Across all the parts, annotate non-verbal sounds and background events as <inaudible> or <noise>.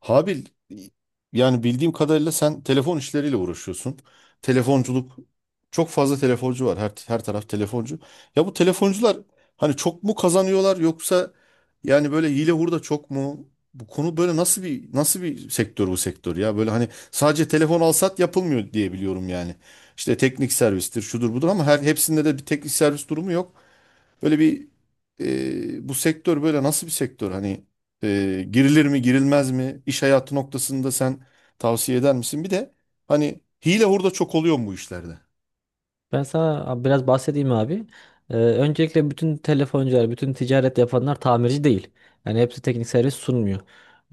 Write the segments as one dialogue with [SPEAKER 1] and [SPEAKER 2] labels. [SPEAKER 1] Habil, yani bildiğim kadarıyla sen telefon işleriyle uğraşıyorsun. Telefonculuk, çok fazla telefoncu var. Her taraf telefoncu. Ya bu telefoncular hani çok mu kazanıyorlar yoksa yani böyle hile hurda çok mu? Bu konu böyle nasıl bir sektör bu sektör ya? Böyle hani sadece telefon alsat yapılmıyor diye biliyorum yani. İşte teknik servistir, şudur budur ama her hepsinde de bir teknik servis durumu yok. Böyle bir bu sektör böyle nasıl bir sektör? Hani girilir mi girilmez mi? İş hayatı noktasında sen tavsiye eder misin? Bir de hani hile hurda çok oluyor mu bu işlerde?
[SPEAKER 2] Ben sana biraz bahsedeyim abi. Öncelikle bütün telefoncular, bütün ticaret yapanlar tamirci değil. Yani hepsi teknik servis sunmuyor.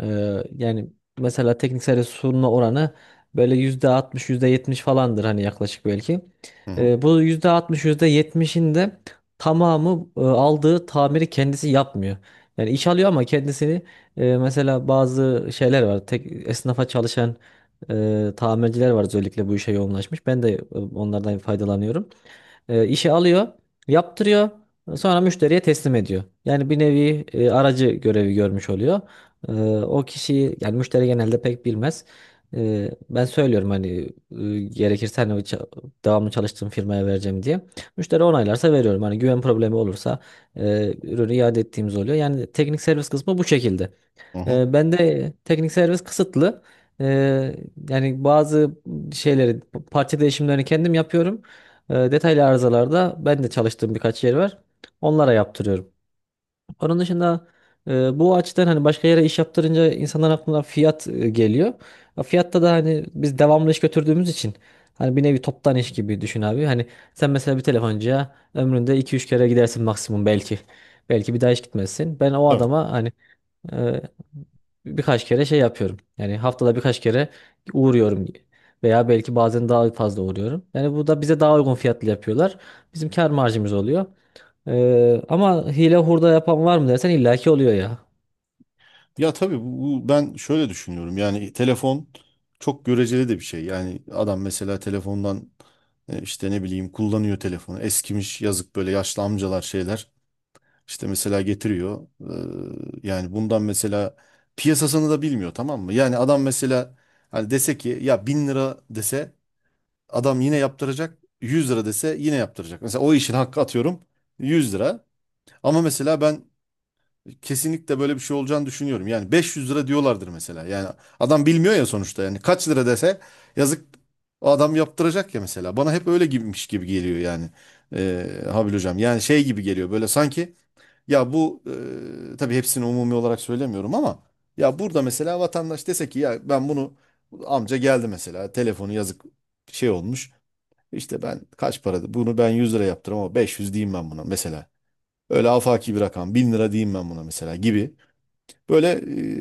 [SPEAKER 2] Yani mesela teknik servis sunma oranı böyle %60, %70 falandır hani yaklaşık belki.
[SPEAKER 1] Hı hı.
[SPEAKER 2] Bu %60, %70'in de tamamı aldığı tamiri kendisi yapmıyor. Yani iş alıyor ama kendisini mesela bazı şeyler var. Esnafa çalışan tamirciler var, özellikle bu işe yoğunlaşmış. Ben de onlardan faydalanıyorum, işi alıyor, yaptırıyor, sonra müşteriye teslim ediyor. Yani bir nevi aracı görevi görmüş oluyor. E, o kişiyi yani müşteri genelde pek bilmez. Ben söylüyorum hani gerekirse hani devamlı çalıştığım firmaya vereceğim diye. Müşteri onaylarsa veriyorum. Hani güven problemi olursa ürünü iade ettiğimiz oluyor. Yani teknik servis kısmı bu şekilde.
[SPEAKER 1] Hı hı.
[SPEAKER 2] Ben de teknik servis kısıtlı. Ee, yani bazı şeyleri, parça değişimlerini kendim yapıyorum. Detaylı arızalarda ben de çalıştığım birkaç yer var. Onlara yaptırıyorum. Onun dışında bu açıdan hani başka yere iş yaptırınca insanların aklına fiyat geliyor. Ya fiyatta da hani biz devamlı iş götürdüğümüz için hani bir nevi toptan iş gibi düşün abi. Hani sen mesela bir telefoncuya ömründe iki üç kere gidersin maksimum belki. Belki bir daha hiç gitmezsin. Ben o
[SPEAKER 1] Tabii.
[SPEAKER 2] adama hani ee, birkaç kere şey yapıyorum. Yani haftada birkaç kere uğruyorum veya belki bazen daha fazla uğruyorum. Yani bu da bize daha uygun fiyatlı yapıyorlar. Bizim kar marjımız oluyor. Ama hile hurda yapan var mı dersen illaki oluyor ya.
[SPEAKER 1] Ya tabii ben şöyle düşünüyorum. Yani telefon çok göreceli de bir şey. Yani adam mesela telefondan işte ne bileyim kullanıyor telefonu. Eskimiş yazık böyle yaşlı amcalar şeyler. İşte mesela getiriyor. Yani bundan mesela piyasasını da bilmiyor, tamam mı? Yani adam mesela hani dese ki ya bin lira dese adam yine yaptıracak. Yüz lira dese yine yaptıracak. Mesela o işin hakkı, atıyorum, 100 lira. Ama mesela ben kesinlikle böyle bir şey olacağını düşünüyorum. Yani 500 lira diyorlardır mesela. Yani adam bilmiyor ya sonuçta. Yani kaç lira dese yazık o adam yaptıracak ya mesela. Bana hep öyle gibiymiş gibi geliyor yani. Habil hocam. Yani şey gibi geliyor böyle, sanki ya bu tabii hepsini umumi olarak söylemiyorum ama ya burada mesela vatandaş dese ki ya ben bunu, amca geldi mesela telefonu yazık şey olmuş. İşte ben kaç paradı bunu, ben 100 lira yaptırım ama 500 diyeyim ben buna mesela. Öyle afaki bir rakam, 1000 lira diyeyim ben buna mesela gibi. Böyle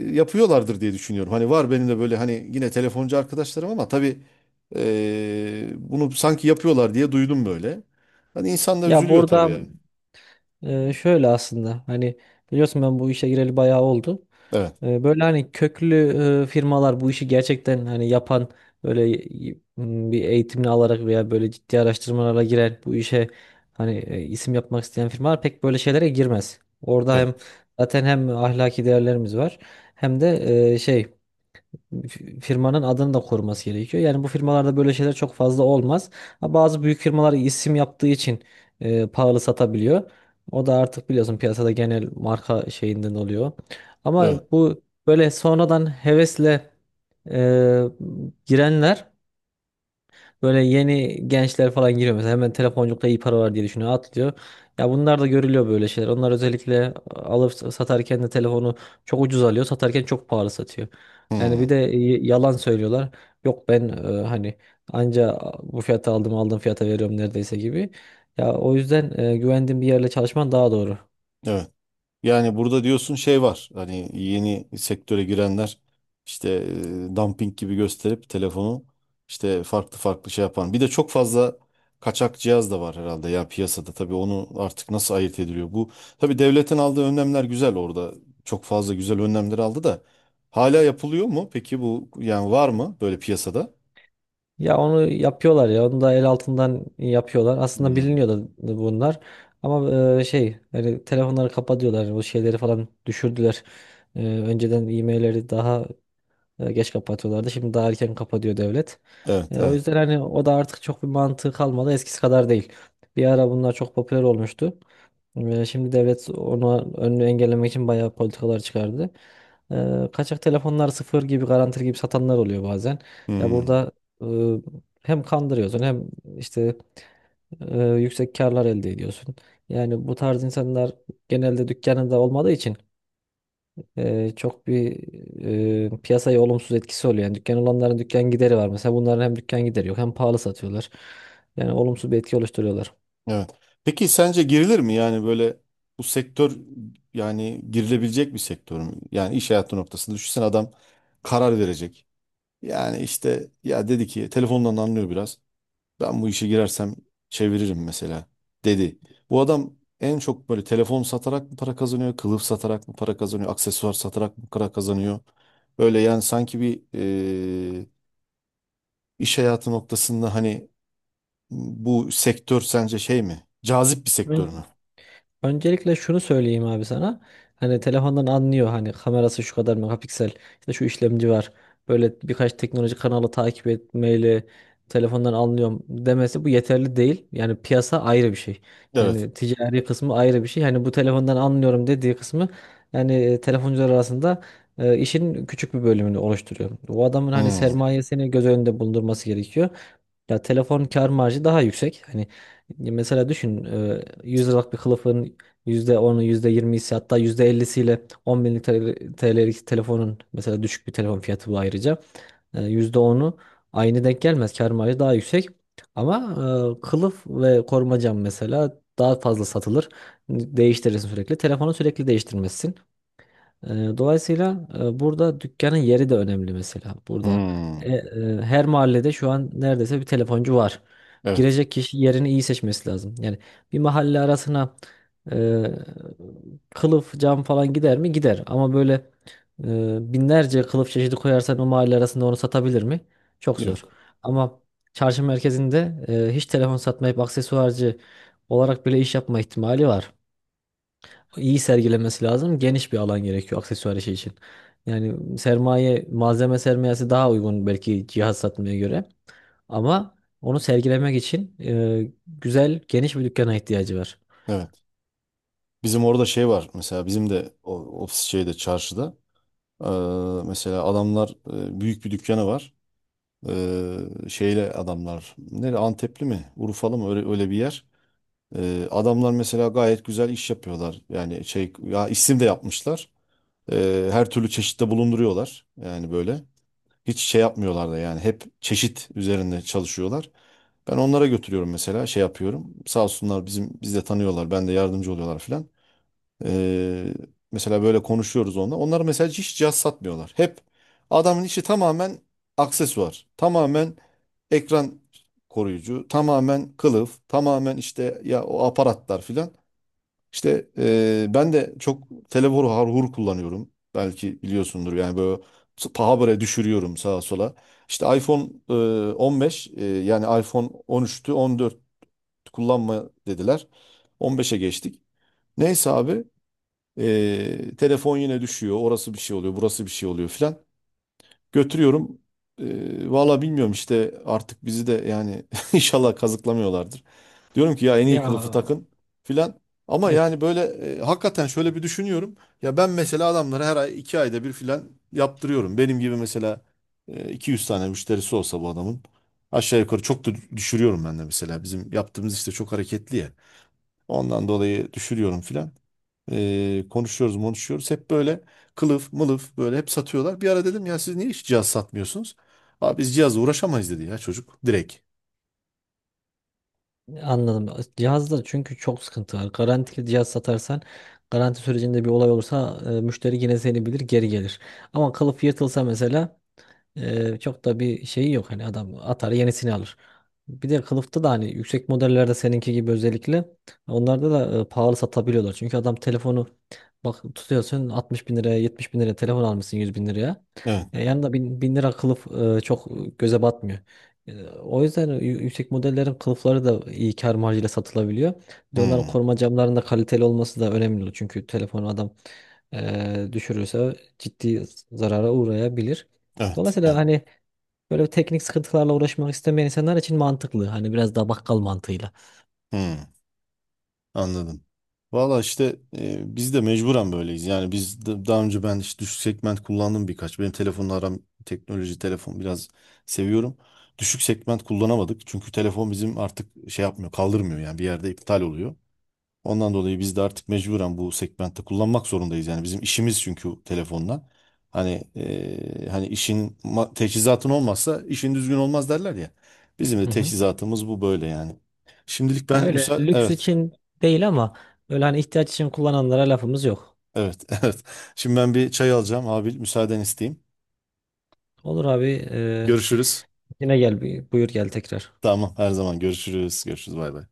[SPEAKER 1] yapıyorlardır diye düşünüyorum. Hani var benim de böyle hani yine telefoncu arkadaşlarım ama tabii bunu sanki yapıyorlar diye duydum böyle. Hani insan da
[SPEAKER 2] Ya
[SPEAKER 1] üzülüyor tabii
[SPEAKER 2] burada
[SPEAKER 1] yani.
[SPEAKER 2] şöyle aslında hani biliyorsun, ben bu işe gireli bayağı oldu.
[SPEAKER 1] Evet,
[SPEAKER 2] Böyle hani köklü firmalar, bu işi gerçekten hani yapan, bir eğitimini alarak veya böyle ciddi araştırmalara giren, bu işe hani isim yapmak isteyen firmalar pek böyle şeylere girmez. Orada hem
[SPEAKER 1] evet,
[SPEAKER 2] zaten hem ahlaki değerlerimiz var hem de e, şey firmanın adını da koruması gerekiyor. Yani bu firmalarda böyle şeyler çok fazla olmaz. Ha, Bazı büyük firmalar isim yaptığı için pahalı satabiliyor. O da artık biliyorsun, piyasada genel marka şeyinden oluyor. Ama
[SPEAKER 1] evet.
[SPEAKER 2] bu böyle sonradan hevesle e, girenler, böyle yeni gençler falan giriyor mesela, hemen telefonculukta iyi para var diye düşünüyor, atlıyor. Ya bunlar da görülüyor böyle şeyler. Onlar özellikle alıp satarken de telefonu çok ucuz alıyor, satarken çok pahalı satıyor.
[SPEAKER 1] Hmm,
[SPEAKER 2] Yani bir
[SPEAKER 1] evet.
[SPEAKER 2] de yalan söylüyorlar. Yok, ben hani anca bu fiyata aldım, aldığım fiyata veriyorum neredeyse gibi. Ya o yüzden güvendiğin bir yerle çalışman daha doğru.
[SPEAKER 1] Evet. Yani burada diyorsun şey var. Hani yeni sektöre girenler işte dumping gibi gösterip telefonu işte farklı farklı şey yapan. Bir de çok fazla kaçak cihaz da var herhalde ya piyasada. Tabii onu artık nasıl ayırt ediliyor? Bu tabii devletin aldığı önlemler güzel orada. Çok fazla güzel önlemler aldı da hala yapılıyor mu? Peki bu yani var mı böyle piyasada?
[SPEAKER 2] Ya onu yapıyorlar ya. Onu da el altından yapıyorlar. Aslında
[SPEAKER 1] Hmm.
[SPEAKER 2] biliniyordu bunlar. Ama hani telefonları kapatıyorlar. O şeyleri falan düşürdüler. Önceden e-mailleri daha geç kapatıyorlardı. Şimdi daha erken kapatıyor devlet.
[SPEAKER 1] Evet,
[SPEAKER 2] O
[SPEAKER 1] evet.
[SPEAKER 2] yüzden hani o da artık çok bir mantığı kalmadı. Eskisi kadar değil. Bir ara bunlar çok popüler olmuştu. Şimdi devlet onu, önünü engellemek için bayağı politikalar çıkardı. Kaçak telefonlar sıfır gibi, garantili gibi satanlar oluyor bazen. Ya
[SPEAKER 1] Hmm.
[SPEAKER 2] burada e, hem kandırıyorsun hem işte yüksek karlar elde ediyorsun. Yani bu tarz insanlar genelde dükkanında olmadığı için çok bir piyasaya olumsuz etkisi oluyor. Yani dükkan olanların dükkan gideri var. Mesela bunların hem dükkan gideri yok hem pahalı satıyorlar. Yani olumsuz bir etki oluşturuyorlar.
[SPEAKER 1] Evet. Peki sence girilir mi yani böyle bu sektör, yani girilebilecek bir sektör mü? Yani iş hayatı noktasında düşünsene, adam karar verecek. Yani işte ya dedi ki telefondan anlıyor biraz. Ben bu işe girersem çeviririm mesela dedi. Bu adam en çok böyle telefon satarak mı para kazanıyor, kılıf satarak mı para kazanıyor, aksesuar satarak mı para kazanıyor? Böyle yani sanki bir e, iş hayatı noktasında hani bu sektör sence şey mi? Cazip bir sektör mü?
[SPEAKER 2] Öncelikle şunu söyleyeyim abi sana. Hani telefondan anlıyor, hani kamerası şu kadar megapiksel, işte şu işlemci var. Böyle birkaç teknoloji kanalı takip etmeyle telefondan anlıyorum demesi, bu yeterli değil. Yani piyasa ayrı bir şey.
[SPEAKER 1] Evet.
[SPEAKER 2] Yani ticari kısmı ayrı bir şey. Hani bu telefondan anlıyorum dediği kısmı yani telefoncular arasında işin küçük bir bölümünü oluşturuyor. O adamın hani
[SPEAKER 1] Hmm.
[SPEAKER 2] sermayesini göz önünde bulundurması gerekiyor. Ya telefon kar marjı daha yüksek. Hani mesela düşün, 100 liralık bir kılıfın yüzde onu, yüzde %20'si, hatta %50'siyle 10 bin TL'lik telefonun, mesela düşük bir telefon fiyatı bu ayrıca, yüzde onu aynı denk gelmez. Kar marjı daha yüksek. Ama kılıf ve koruma cam mesela daha fazla satılır. Değiştirirsin sürekli. Telefonu sürekli değiştirmezsin. Ee, Dolayısıyla burada dükkanın yeri de önemli mesela. Burada
[SPEAKER 1] Hmm.
[SPEAKER 2] her mahallede şu an neredeyse bir telefoncu var.
[SPEAKER 1] Evet.
[SPEAKER 2] Girecek kişi yerini iyi seçmesi lazım. Yani bir mahalle arasına e, kılıf, cam falan gider mi? Gider. Ama böyle binlerce kılıf çeşidi koyarsan, o mahalle arasında onu satabilir mi? Çok zor.
[SPEAKER 1] Yok.
[SPEAKER 2] Ama çarşı merkezinde hiç telefon satmayıp aksesuarcı olarak bile iş yapma ihtimali var, iyi sergilemesi lazım. Geniş bir alan gerekiyor aksesuar işi için. Yani sermaye, malzeme sermayesi daha uygun belki cihaz satmaya göre. Ama onu sergilemek için güzel, geniş bir dükkana ihtiyacı var.
[SPEAKER 1] Evet. Bizim orada şey var. Mesela bizim de o, ofis şeyde, çarşıda. Mesela adamlar büyük bir dükkanı var. Şeyle adamlar. Nere, Antepli mi? Urfalı mı? Öyle, öyle bir yer. Adamlar mesela gayet güzel iş yapıyorlar. Yani şey ya, isim de yapmışlar. Her türlü çeşitte bulunduruyorlar. Yani böyle. Hiç şey yapmıyorlar da yani hep çeşit üzerinde çalışıyorlar. Ben onlara götürüyorum mesela, şey yapıyorum. Sağ olsunlar biz de tanıyorlar. Ben de yardımcı oluyorlar filan. Ee, Mesela böyle konuşuyoruz onunla. Onlar mesela hiç cihaz satmıyorlar. Hep adamın işi tamamen aksesuar. Tamamen ekran koruyucu, tamamen kılıf, tamamen işte ya o aparatlar filan. İşte ben de çok telefonu harhur kullanıyorum. Belki biliyorsundur yani böyle paha böyle düşürüyorum sağa sola. İşte iPhone eee, 15 yani iPhone 13'tü, 14 kullanma dediler. 15'e geçtik. Neyse abi telefon yine düşüyor. Orası bir şey oluyor, burası bir şey oluyor filan. Götürüyorum. Valla bilmiyorum işte artık bizi de yani <laughs> inşallah kazıklamıyorlardır. Diyorum ki ya en iyi
[SPEAKER 2] Ya,
[SPEAKER 1] kılıfı takın filan. Ama
[SPEAKER 2] evet.
[SPEAKER 1] yani böyle hakikaten şöyle bir düşünüyorum. Ya ben mesela adamlara her ay, iki ayda bir filan yaptırıyorum. Benim gibi mesela 200 tane müşterisi olsa bu adamın aşağı yukarı, çok da düşürüyorum ben de mesela. Bizim yaptığımız işte çok hareketli ya. Ondan dolayı düşürüyorum filan. Konuşuyoruz, konuşuyoruz. Hep böyle kılıf mılıf böyle hep satıyorlar. Bir ara dedim ya, siz niye hiç cihaz satmıyorsunuz? Abi biz cihazla uğraşamayız dedi ya çocuk, direkt.
[SPEAKER 2] Anladım. Cihazda çünkü çok sıkıntı var. Garantili cihaz satarsan, garanti sürecinde bir olay olursa müşteri yine seni bilir, geri gelir. Ama kılıf yırtılsa mesela, çok da bir şeyi yok, hani adam atar, yenisini alır. Bir de kılıfta da hani yüksek modellerde, seninki gibi özellikle, onlarda da pahalı satabiliyorlar. Çünkü adam telefonu, bak, tutuyorsun 60 bin liraya, 70 bin liraya telefon almışsın, 100 bin liraya.
[SPEAKER 1] Evet.
[SPEAKER 2] Yanında bin lira kılıf çok göze batmıyor. O yüzden yüksek modellerin kılıfları da iyi kar marjıyla satılabiliyor. Bir de onların
[SPEAKER 1] Hmm.
[SPEAKER 2] koruma camlarının da kaliteli olması da önemli. Çünkü telefonu adam düşürürse ciddi zarara uğrayabilir.
[SPEAKER 1] Evet.
[SPEAKER 2] Dolayısıyla
[SPEAKER 1] Evet.
[SPEAKER 2] hani böyle bir teknik sıkıntılarla uğraşmak istemeyen insanlar için mantıklı. Hani biraz daha bakkal mantığıyla.
[SPEAKER 1] Hmm. Anladım. Valla işte biz de mecburen böyleyiz. Yani daha önce ben işte düşük segment kullandım birkaç. Benim telefonla aram, teknoloji, telefon biraz seviyorum. Düşük segment kullanamadık. Çünkü telefon bizim artık şey yapmıyor, kaldırmıyor, yani bir yerde iptal oluyor. Ondan dolayı biz de artık mecburen bu segmentte kullanmak zorundayız. Yani bizim işimiz çünkü telefonla. Hani işin teçhizatın olmazsa işin düzgün olmaz derler ya. Bizim de
[SPEAKER 2] Hı hı.
[SPEAKER 1] teçhizatımız bu, böyle yani. Şimdilik
[SPEAKER 2] Ya
[SPEAKER 1] ben
[SPEAKER 2] öyle lüks
[SPEAKER 1] evet,
[SPEAKER 2] için değil ama öyle hani ihtiyaç için kullananlara lafımız yok.
[SPEAKER 1] evet, <laughs> evet. Şimdi ben bir çay alacağım abi, müsaaden isteyeyim.
[SPEAKER 2] Olur abi.
[SPEAKER 1] Görüşürüz.
[SPEAKER 2] Yine gel, buyur, gel tekrar.
[SPEAKER 1] Tamam, her zaman görüşürüz. Görüşürüz, bay bay.